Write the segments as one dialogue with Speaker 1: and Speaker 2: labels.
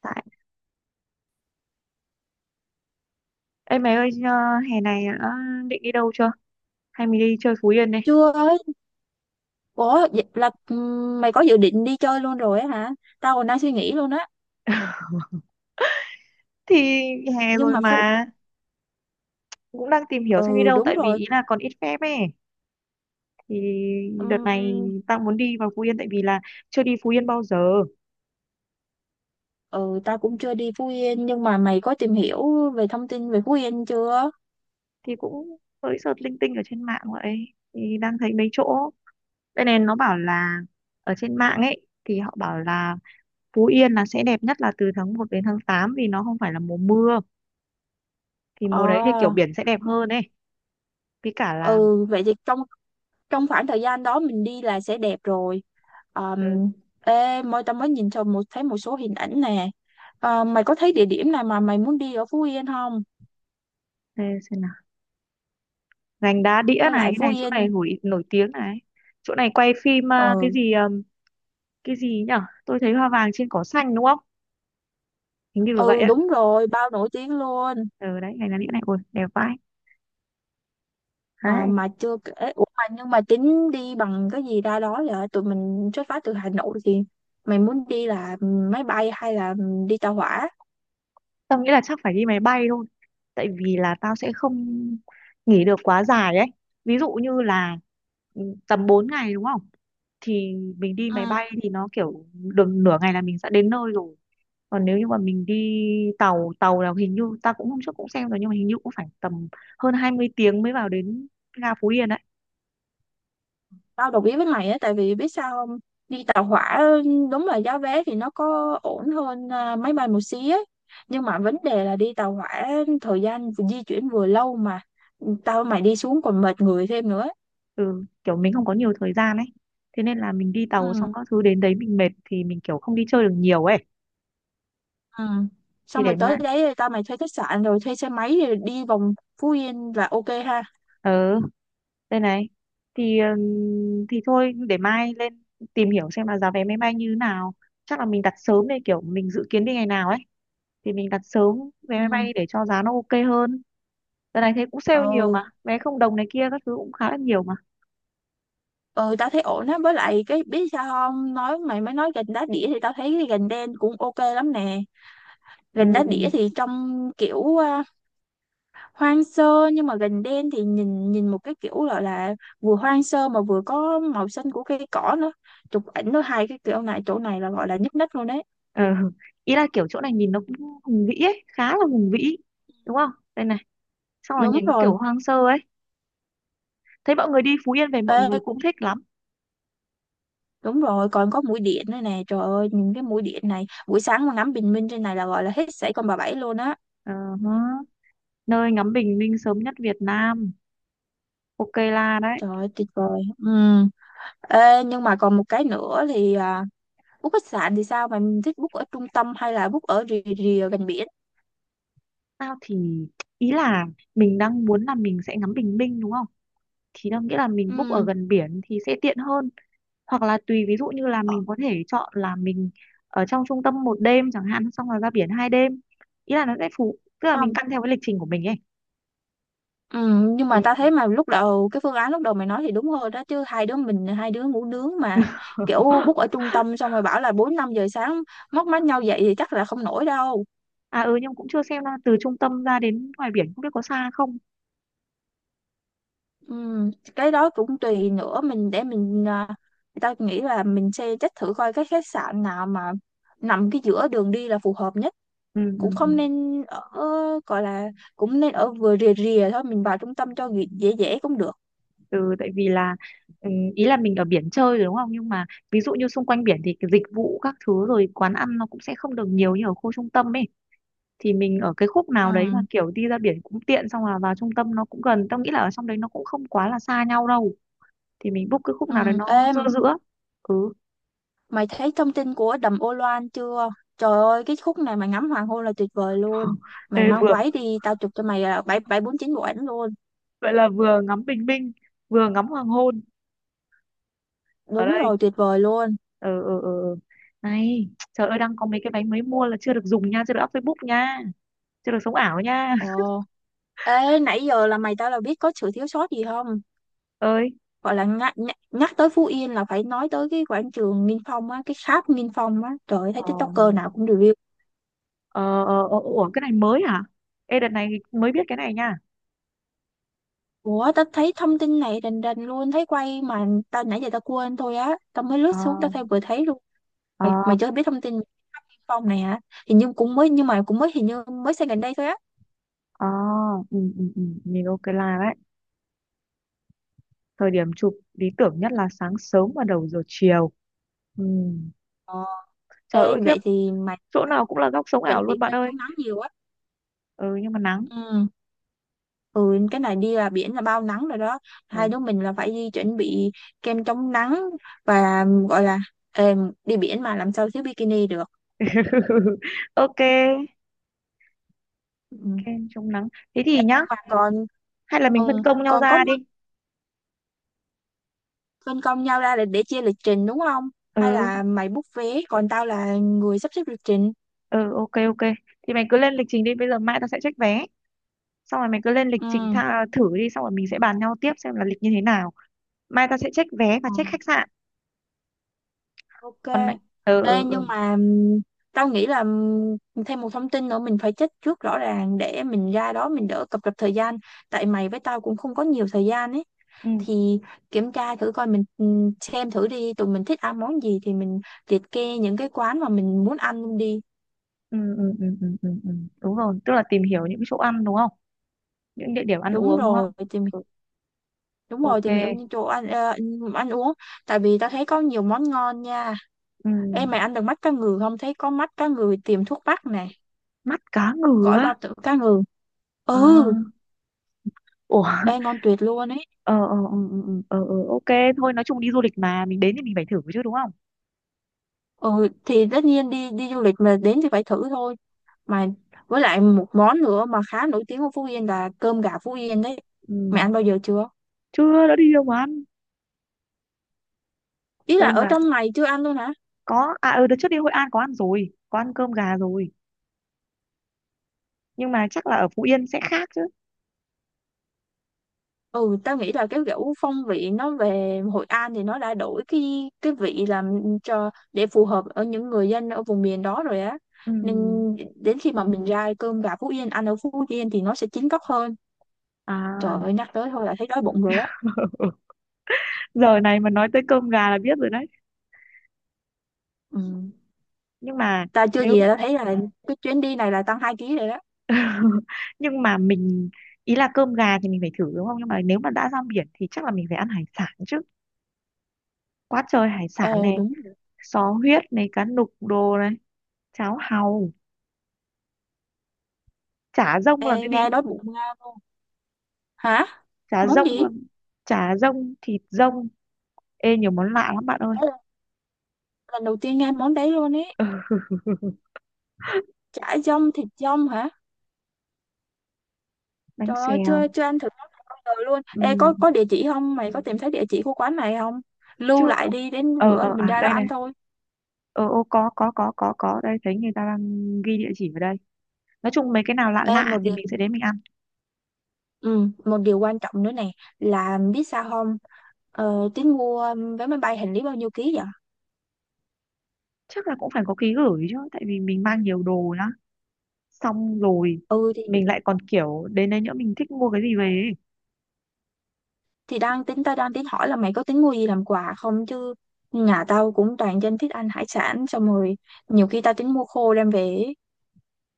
Speaker 1: Tại Ê mày ơi ờ, hè này đã định đi đâu chưa? Hay mình đi chơi Phú Yên đi.
Speaker 2: Chưa ơi, ủa vậy là mày có dự định đi chơi luôn rồi á hả? Tao còn đang suy nghĩ luôn á.
Speaker 1: Thì hè
Speaker 2: Nhưng
Speaker 1: rồi
Speaker 2: mà Phú
Speaker 1: mà cũng đang tìm hiểu xem đi
Speaker 2: Ừ
Speaker 1: đâu
Speaker 2: đúng
Speaker 1: tại vì
Speaker 2: rồi.
Speaker 1: ý là còn ít phép ấy. Thì đợt này
Speaker 2: Ừm,
Speaker 1: tao muốn đi vào Phú Yên tại vì là chưa đi Phú Yên bao giờ.
Speaker 2: ừ, tao cũng chưa đi Phú Yên, nhưng mà mày có tìm hiểu về thông tin về Phú Yên chưa?
Speaker 1: Thì cũng mới search linh tinh ở trên mạng vậy. Thì đang thấy mấy chỗ. Đây này nó bảo là ở trên mạng ấy thì họ bảo là Phú Yên là sẽ đẹp nhất là từ tháng một đến tháng 8 vì nó không phải là mùa mưa. Thì
Speaker 2: Ờ,
Speaker 1: mùa đấy thì kiểu biển sẽ đẹp hơn ấy. Với cả là
Speaker 2: ừ vậy thì trong trong khoảng thời gian đó mình đi là sẽ đẹp rồi.
Speaker 1: ừ,
Speaker 2: Um, Ê, tao mới nhìn cho một thấy một số hình ảnh nè. Ờ, mày có thấy địa điểm nào mà mày muốn đi ở Phú Yên không?
Speaker 1: thế xem nào. Gành đá đĩa
Speaker 2: Với
Speaker 1: này,
Speaker 2: lại
Speaker 1: cái
Speaker 2: Phú
Speaker 1: này, chỗ này
Speaker 2: Yên
Speaker 1: nổi nổi tiếng này, chỗ này quay phim à,
Speaker 2: ừ
Speaker 1: cái gì nhở, tôi thấy hoa vàng trên cỏ xanh đúng không, hình như là vậy
Speaker 2: ừ
Speaker 1: ạ.
Speaker 2: đúng rồi, bao nổi tiếng luôn.
Speaker 1: Ừ, đấy gành đá đĩa này ôi đẹp vãi.
Speaker 2: À,
Speaker 1: Đấy
Speaker 2: mà chưa kể Ủa mà nhưng mà tính đi bằng cái gì ra đó vậy? Tụi mình xuất phát từ Hà Nội thì mày muốn đi là máy bay hay là đi tàu hỏa?
Speaker 1: tao nghĩ là chắc phải đi máy bay thôi tại vì là tao sẽ không nghỉ được quá dài ấy, ví dụ như là ừ, tầm 4 ngày đúng không, thì mình đi máy
Speaker 2: Ừ,
Speaker 1: bay thì nó kiểu được nửa ngày là mình sẽ đến nơi rồi. Còn nếu như mà mình đi tàu tàu là hình như ta cũng hôm trước cũng xem rồi nhưng mà hình như cũng phải tầm hơn 20 tiếng mới vào đến ga Phú Yên ấy.
Speaker 2: tao đồng ý với mày á, tại vì biết sao không? Đi tàu hỏa đúng là giá vé thì nó có ổn hơn máy bay một xí ấy, nhưng mà vấn đề là đi tàu hỏa thời gian di chuyển vừa lâu, mà tao mày đi xuống còn mệt người thêm nữa.
Speaker 1: Ừ, kiểu mình không có nhiều thời gian ấy, thế nên là mình đi tàu
Speaker 2: Ừ.
Speaker 1: xong các thứ đến đấy mình mệt thì mình kiểu không đi chơi được nhiều ấy.
Speaker 2: Ừ.
Speaker 1: Thì
Speaker 2: Xong rồi
Speaker 1: để mai
Speaker 2: tới đấy tao mày thuê khách sạn rồi thuê xe máy rồi đi vòng Phú Yên là ok ha.
Speaker 1: ờ đây này, thì thôi để mai lên tìm hiểu xem là giá vé máy bay như thế nào, chắc là mình đặt sớm đây kiểu mình dự kiến đi ngày nào ấy, thì mình đặt sớm vé máy
Speaker 2: Ừ,
Speaker 1: bay để cho giá nó ok hơn. Đợt này thấy cũng sale nhiều
Speaker 2: ừ,
Speaker 1: mà, vé không đồng này kia các thứ cũng khá là nhiều mà.
Speaker 2: ừ, tao thấy ổn á. Với lại cái biết sao không, nói mày mới nói gành đá đĩa thì tao thấy cái gành đen cũng ok lắm nè.
Speaker 1: Ừ.
Speaker 2: Gành đá đĩa thì trông kiểu hoang sơ, nhưng mà gành đen thì nhìn nhìn một cái kiểu gọi là vừa hoang sơ mà vừa có màu xanh của cây cỏ nữa, chụp ảnh nó hai cái kiểu này chỗ này là gọi là nhức nách luôn đấy.
Speaker 1: Ừ. Ý là kiểu chỗ này nhìn nó cũng hùng vĩ ấy, khá là hùng vĩ. Đúng không? Đây này, xong là
Speaker 2: Đúng
Speaker 1: nhìn
Speaker 2: rồi.
Speaker 1: kiểu hoang sơ ấy. Thấy mọi người đi Phú Yên về mọi người
Speaker 2: Ê,
Speaker 1: cũng thích lắm.
Speaker 2: đúng rồi, còn có mũi điện nữa nè, trời ơi nhìn cái mũi điện này buổi sáng mà ngắm bình minh trên này là gọi là hết sảy con bà bảy luôn á.
Speaker 1: Ờ hớ. Nơi ngắm bình minh sớm nhất Việt Nam. Ok là đấy.
Speaker 2: Trời ơi tuyệt vời, ừ. Ê, nhưng mà còn một cái nữa thì book khách sạn thì sao? Mày thích book ở trung tâm hay là book ở rìa rìa gần biển?
Speaker 1: Tao thì ý là mình đang muốn là mình sẽ ngắm bình minh đúng không? Thì tao nghĩ là mình book ở
Speaker 2: Ừ,
Speaker 1: gần biển thì sẽ tiện hơn. Hoặc là tùy, ví dụ như là
Speaker 2: ờ,
Speaker 1: mình có thể chọn là mình ở trong trung tâm một đêm chẳng hạn xong rồi ra biển hai đêm, ý là nó sẽ phù tức là mình
Speaker 2: không.
Speaker 1: căn theo cái lịch trình của mình ấy.
Speaker 2: Ừ, nhưng
Speaker 1: Ừ,
Speaker 2: mà ta thấy mà lúc đầu cái phương án lúc đầu mày nói thì đúng hơn đó chứ, hai đứa mình hai đứa ngủ nướng mà. Kiểu book ở trung tâm xong rồi bảo là 4 5 giờ sáng móc mắt nhau dậy thì chắc là không nổi đâu.
Speaker 1: à ừ nhưng cũng chưa xem là từ trung tâm ra đến ngoài biển không biết có xa không.
Speaker 2: Ừ, cái đó cũng tùy nữa, mình để mình tao nghĩ là mình sẽ check thử coi cái khách sạn nào mà nằm cái giữa đường đi là phù hợp nhất.
Speaker 1: ừ,
Speaker 2: Cũng
Speaker 1: ừ, ừ.
Speaker 2: không nên ở gọi là, cũng nên ở vừa rìa rìa thôi, mình vào trung tâm cho dễ dễ dễ cũng được.
Speaker 1: Ừ tại vì là ừ, ý là mình ở biển chơi rồi đúng không nhưng mà ví dụ như xung quanh biển thì cái dịch vụ các thứ rồi quán ăn nó cũng sẽ không được nhiều như ở khu trung tâm ấy, thì mình ở cái khúc
Speaker 2: Ừ.
Speaker 1: nào đấy mà kiểu đi ra biển cũng tiện xong là vào trung tâm nó cũng gần, tao nghĩ là ở trong đấy nó cũng không quá là xa nhau đâu. Thì mình book cái khúc nào đấy
Speaker 2: Ừ,
Speaker 1: nó giữa
Speaker 2: em,
Speaker 1: giữa. Ừ.
Speaker 2: mày thấy thông tin của đầm Ô Loan chưa? Trời ơi cái khúc này mày ngắm hoàng hôn là tuyệt vời luôn. Mày
Speaker 1: Ê,
Speaker 2: mang
Speaker 1: vừa
Speaker 2: váy đi tao chụp cho mày là bảy bảy bốn chín bộ ảnh luôn.
Speaker 1: vậy là vừa ngắm bình minh vừa ngắm hoàng hôn ở
Speaker 2: Đúng
Speaker 1: đây.
Speaker 2: rồi, tuyệt vời luôn.
Speaker 1: ờ ờ ờ ờ. Này trời ơi đang có mấy cái váy mới mua là chưa được dùng nha, chưa được up Facebook nha, chưa được sống ảo nha.
Speaker 2: Ồ, ê nãy giờ là mày tao là biết có sự thiếu sót gì không?
Speaker 1: Ơi
Speaker 2: Gọi là nhắc, nhắc, tới Phú Yên là phải nói tới cái quảng trường Nghinh Phong á, cái tháp Nghinh Phong á, trời ơi, thấy
Speaker 1: ờ
Speaker 2: TikToker nào cũng review.
Speaker 1: ờ, ủa cái này mới hả, ê đợt này mới biết cái này nha.
Speaker 2: Ủa tao thấy thông tin này rành rành luôn. Thấy quay mà tao nãy giờ tao quên thôi á. Tao mới lướt
Speaker 1: ờ
Speaker 2: xuống tao thấy vừa thấy luôn. Mày,
Speaker 1: ờ
Speaker 2: mày chưa biết thông tin Thanh Phong này hả? Hình như cũng mới. Nhưng mà cũng mới, hình như mới xây gần đây thôi á.
Speaker 1: ờ ừ. Nhìn ok là đấy, thời điểm chụp lý tưởng nhất là sáng sớm và đầu giờ chiều. Ừ.
Speaker 2: Ờ.
Speaker 1: Trời
Speaker 2: Ê,
Speaker 1: ơi khiếp,
Speaker 2: vậy thì mày
Speaker 1: chỗ nào cũng là góc sống
Speaker 2: chuẩn
Speaker 1: ảo luôn
Speaker 2: bị
Speaker 1: bạn
Speaker 2: kem
Speaker 1: ơi.
Speaker 2: chống nắng nhiều á.
Speaker 1: Ừ nhưng mà nắng.
Speaker 2: Ừ. Ừ, cái này đi là biển là bao nắng rồi đó, hai
Speaker 1: Ừ.
Speaker 2: đứa mình là phải đi chuẩn bị kem chống nắng và gọi là, ê, đi biển mà làm sao thiếu bikini được.
Speaker 1: Ok, ok
Speaker 2: Ừ.
Speaker 1: chống nắng, thế
Speaker 2: Ê,
Speaker 1: thì nhá
Speaker 2: nhưng mà còn
Speaker 1: hay là mình phân công nhau
Speaker 2: còn có
Speaker 1: ra đi.
Speaker 2: phân công nhau ra để chia lịch trình đúng không? Hay
Speaker 1: Ừ
Speaker 2: là mày book vé còn tao là người sắp xếp lịch trình?
Speaker 1: ừ ok ok, thì mày cứ lên lịch trình đi bây giờ, mai tao sẽ check vé, xong rồi mày cứ lên lịch
Speaker 2: Ừ,
Speaker 1: trình thử đi xong rồi mình sẽ bàn nhau tiếp xem là lịch như thế nào. Mai tao sẽ check vé và
Speaker 2: ờ,
Speaker 1: check khách sạn,
Speaker 2: ok.
Speaker 1: còn mày ừ
Speaker 2: Ê,
Speaker 1: ừ
Speaker 2: nhưng
Speaker 1: ừ
Speaker 2: mà tao nghĩ là thêm một thông tin nữa mình phải check trước rõ ràng để mình ra đó mình đỡ cập rập thời gian. Tại mày với tao cũng không có nhiều thời gian ấy.
Speaker 1: ừ
Speaker 2: Thì kiểm tra thử coi mình xem thử đi, tụi mình thích ăn món gì thì mình liệt kê những cái quán mà mình muốn ăn đi.
Speaker 1: ừ ừ ừ ừ ừ ừ. Đúng rồi tức là tìm hiểu những chỗ ăn đúng không, những địa điểm ăn
Speaker 2: Đúng
Speaker 1: uống đúng không.
Speaker 2: rồi, tìm
Speaker 1: Ừ,
Speaker 2: Đúng rồi,
Speaker 1: ok.
Speaker 2: tìm hiểu những chỗ ăn, ăn uống, tại vì tao thấy có nhiều món ngon nha.
Speaker 1: Ừ.
Speaker 2: Em mày ăn được mắt cá ngừ không, thấy có mắt cá ngừ tiềm thuốc bắc này,
Speaker 1: Mắt cá ngừ
Speaker 2: gỏi bao
Speaker 1: á.
Speaker 2: tử cá ngừ,
Speaker 1: À.
Speaker 2: ừ,
Speaker 1: Ủa,
Speaker 2: đây ngon tuyệt luôn ấy.
Speaker 1: ờ ừ, ờ ờ, ok thôi nói chung đi du lịch mà mình đến thì mình phải thử chứ đúng không.
Speaker 2: Ừ thì tất nhiên đi đi du lịch mà đến thì phải thử thôi, mà với lại một món nữa mà khá nổi tiếng ở Phú Yên là cơm gà Phú Yên đấy.
Speaker 1: Ừ.
Speaker 2: Mày ăn bao giờ chưa?
Speaker 1: Chưa, đã đi đâu mà ăn
Speaker 2: Ý là
Speaker 1: cơm
Speaker 2: ở
Speaker 1: gà.
Speaker 2: trong này chưa ăn luôn hả?
Speaker 1: Có, à ừ đợt trước đi Hội An có ăn rồi, có ăn cơm gà rồi nhưng mà chắc là ở Phú Yên sẽ khác chứ.
Speaker 2: Ừ, tao nghĩ là cái kiểu phong vị nó về Hội An thì nó đã đổi cái vị làm cho để phù hợp ở những người dân ở vùng miền đó rồi á,
Speaker 1: Ừ.
Speaker 2: nên đến khi mà mình ra cơm gà Phú Yên ăn ở Phú Yên thì nó sẽ chín góc hơn.
Speaker 1: À.
Speaker 2: Trời ơi nhắc tới thôi là thấy đói bụng rồi đó.
Speaker 1: Giờ này mà nói tới cơm gà là biết rồi đấy.
Speaker 2: Ừ.
Speaker 1: Nhưng mà
Speaker 2: Ta chưa
Speaker 1: nếu
Speaker 2: gì là tao thấy là cái chuyến đi này là tăng 2 ký rồi đó.
Speaker 1: nhưng mà mình ý là cơm gà thì mình phải thử đúng không, nhưng mà nếu mà đã ra biển thì chắc là mình phải ăn hải sản chứ, quá trời hải sản
Speaker 2: Ờ
Speaker 1: này,
Speaker 2: đúng rồi.
Speaker 1: sò huyết này, cá nục đồ này, cháo hàu, chả rông
Speaker 2: Ê,
Speaker 1: là cái
Speaker 2: nghe
Speaker 1: gì?
Speaker 2: đói bụng nghe luôn, hả
Speaker 1: Chả
Speaker 2: món
Speaker 1: rông
Speaker 2: gì?
Speaker 1: là chả rông thịt rông, ê nhiều món lạ lắm bạn ơi,
Speaker 2: Đó là lần đầu tiên nghe món đấy luôn ấy, chả dông thịt dông hả?
Speaker 1: bánh
Speaker 2: Trời ơi,
Speaker 1: xèo.
Speaker 2: chưa chưa ăn thử món này bao giờ luôn.
Speaker 1: Ừ.
Speaker 2: Ê, có địa chỉ không? Mày có tìm thấy địa chỉ của quán này không? Lưu
Speaker 1: Chưa.
Speaker 2: lại đi, đến bữa mình
Speaker 1: À
Speaker 2: ra đó
Speaker 1: đây này,
Speaker 2: ăn thôi.
Speaker 1: ờ ô có đây, thấy người ta đang ghi địa chỉ vào đây, nói chung mấy cái nào lạ
Speaker 2: Ê
Speaker 1: lạ
Speaker 2: một
Speaker 1: thì
Speaker 2: điều,
Speaker 1: mình sẽ đến mình ăn.
Speaker 2: ừ, một điều quan trọng nữa này, là biết sao không? Ờ, tính mua vé máy bay hành lý bao nhiêu ký vậy?
Speaker 1: Chắc là cũng phải có ký gửi chứ tại vì mình mang nhiều đồ lắm, xong rồi
Speaker 2: Ừ thì
Speaker 1: mình lại còn kiểu đến đây nữa mình thích mua cái gì về ấy.
Speaker 2: thì đang tính tao đang tính hỏi là mày có tính mua gì làm quà không chứ, nhà tao cũng toàn dân thích ăn hải sản, xong rồi nhiều khi tao tính mua khô đem về ấy.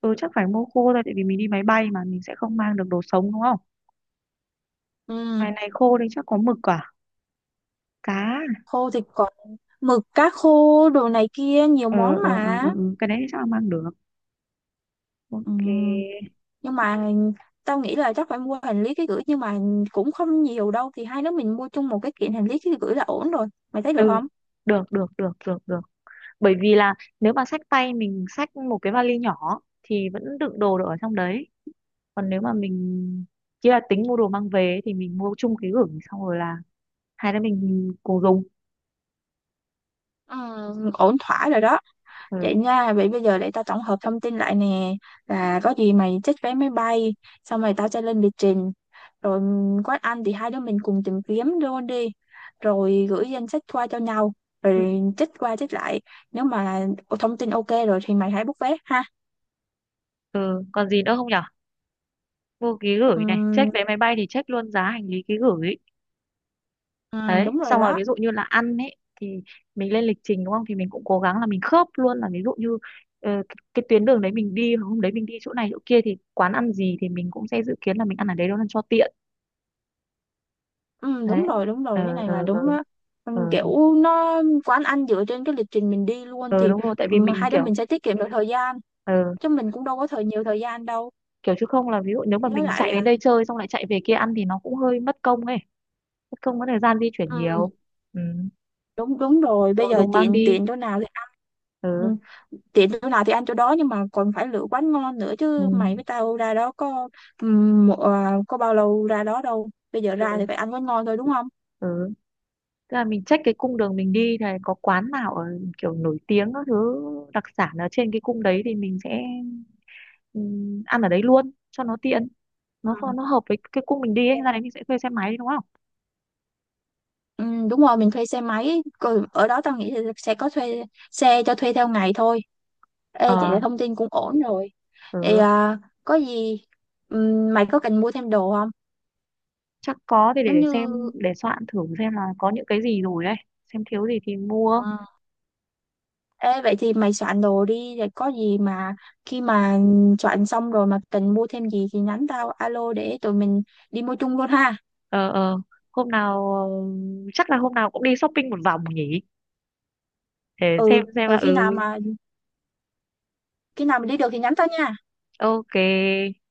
Speaker 1: Ừ chắc phải mua khô thôi tại vì mình đi máy bay mà mình sẽ không mang được đồ sống đúng không.
Speaker 2: Ừ,
Speaker 1: Ngoài này khô đây chắc có mực à, cá
Speaker 2: khô thì còn mực, cá khô, đồ này kia nhiều món mà.
Speaker 1: ờ, cái đấy chắc là mang được.
Speaker 2: Ừ,
Speaker 1: Ok.
Speaker 2: nhưng mà tao nghĩ là chắc phải mua hành lý ký gửi, nhưng mà cũng không nhiều đâu thì hai đứa mình mua chung một cái kiện hành lý ký gửi là ổn rồi, mày thấy được
Speaker 1: ừ
Speaker 2: không?
Speaker 1: Được được được được được, bởi vì là nếu mà xách tay mình xách một cái vali nhỏ thì vẫn đựng đồ được ở trong đấy, còn nếu mà mình chỉ là tính mua đồ mang về ấy, thì mình mua chung ký gửi, xong rồi là hai đứa mình cùng dùng.
Speaker 2: Ừ, ổn thỏa rồi đó.
Speaker 1: Ừ.
Speaker 2: Vậy nha, vậy bây giờ để tao tổng hợp thông tin lại nè, là có gì mày check vé máy bay, xong rồi tao sẽ lên lịch trình, rồi quán ăn thì hai đứa mình cùng tìm kiếm luôn đi, rồi gửi danh sách qua cho nhau,
Speaker 1: Ừ.
Speaker 2: rồi check qua check lại, nếu mà thông tin ok rồi thì mày hãy book vé ha.
Speaker 1: Ừ. Còn gì nữa không nhở? Mua ký gửi
Speaker 2: Ừ,
Speaker 1: này, check vé máy bay thì check luôn giá hành lý ký gửi
Speaker 2: ừ,
Speaker 1: đấy,
Speaker 2: đúng rồi
Speaker 1: xong rồi
Speaker 2: đó.
Speaker 1: ví dụ như là ăn ấy, thì mình lên lịch trình đúng không thì mình cũng cố gắng là mình khớp luôn là ví dụ như ờ, cái tuyến đường đấy mình đi hôm đấy mình đi chỗ này chỗ kia thì quán ăn gì thì mình cũng sẽ dự kiến là mình ăn ở đấy đâu ăn cho tiện.
Speaker 2: Ừ,
Speaker 1: Đấy.
Speaker 2: đúng rồi đúng
Speaker 1: ờ
Speaker 2: rồi, cái này là
Speaker 1: ờ ờ
Speaker 2: đúng á. Ừ,
Speaker 1: ờ ờ
Speaker 2: kiểu nó quán ăn dựa trên cái lịch trình mình đi luôn
Speaker 1: Ờ,
Speaker 2: thì
Speaker 1: đúng rồi tại vì
Speaker 2: mà
Speaker 1: mình
Speaker 2: hai đứa
Speaker 1: kiểu
Speaker 2: mình sẽ tiết kiệm được thời gian,
Speaker 1: ờ,
Speaker 2: chứ mình cũng đâu có nhiều thời gian đâu.
Speaker 1: kiểu chứ không là ví dụ nếu mà
Speaker 2: Với
Speaker 1: mình
Speaker 2: lại
Speaker 1: chạy đến đây chơi xong lại chạy về kia ăn thì nó cũng hơi mất công ấy, mất công có thời gian di chuyển
Speaker 2: ừ,
Speaker 1: nhiều. Ừ.
Speaker 2: đúng đúng rồi, bây
Speaker 1: Đồ
Speaker 2: giờ
Speaker 1: dùng mang
Speaker 2: tiện
Speaker 1: đi.
Speaker 2: tiện chỗ nào thì ăn. Ừ,
Speaker 1: ừ
Speaker 2: tiện chỗ nào thì ăn chỗ đó, nhưng mà còn phải lựa quán ngon nữa
Speaker 1: ừ
Speaker 2: chứ mày với tao ra đó có, ừ, có bao lâu ra đó đâu, bây giờ ra thì
Speaker 1: ừ,
Speaker 2: phải ăn quán ngon thôi đúng không?
Speaker 1: ừ. Tức là mình check cái cung đường mình đi này có quán nào ở kiểu nổi tiếng các thứ, đặc sản ở trên cái cung đấy thì mình sẽ ăn ở đấy luôn cho nó tiện, nó
Speaker 2: Ừ.
Speaker 1: nó hợp với cái cung mình đi ấy,
Speaker 2: Ok.
Speaker 1: ra đấy mình sẽ thuê xe máy đi, đúng không.
Speaker 2: Ừ, đúng rồi mình thuê xe máy. Còn ở đó tao nghĩ là sẽ có thuê xe cho thuê theo ngày thôi. Ê chị,
Speaker 1: Ờ
Speaker 2: là thông tin cũng ổn rồi, thì
Speaker 1: ừ.
Speaker 2: có gì mày có cần mua thêm đồ không?
Speaker 1: Chắc có thì
Speaker 2: Giống
Speaker 1: để
Speaker 2: như
Speaker 1: xem để soạn thử xem là có những cái gì rồi đấy, xem thiếu gì thì
Speaker 2: ờ,
Speaker 1: mua.
Speaker 2: ê vậy thì mày soạn đồ đi, rồi có gì mà khi mà soạn xong rồi mà cần mua thêm gì thì nhắn tao alo để tụi mình đi mua chung luôn ha.
Speaker 1: ờ ờ Hôm nào ờ, chắc là hôm nào cũng đi shopping một vòng nhỉ, để
Speaker 2: Ừ,
Speaker 1: xem là
Speaker 2: rồi khi nào
Speaker 1: ừ
Speaker 2: mà khi nào mình đi được thì nhắn tao nha.
Speaker 1: ok.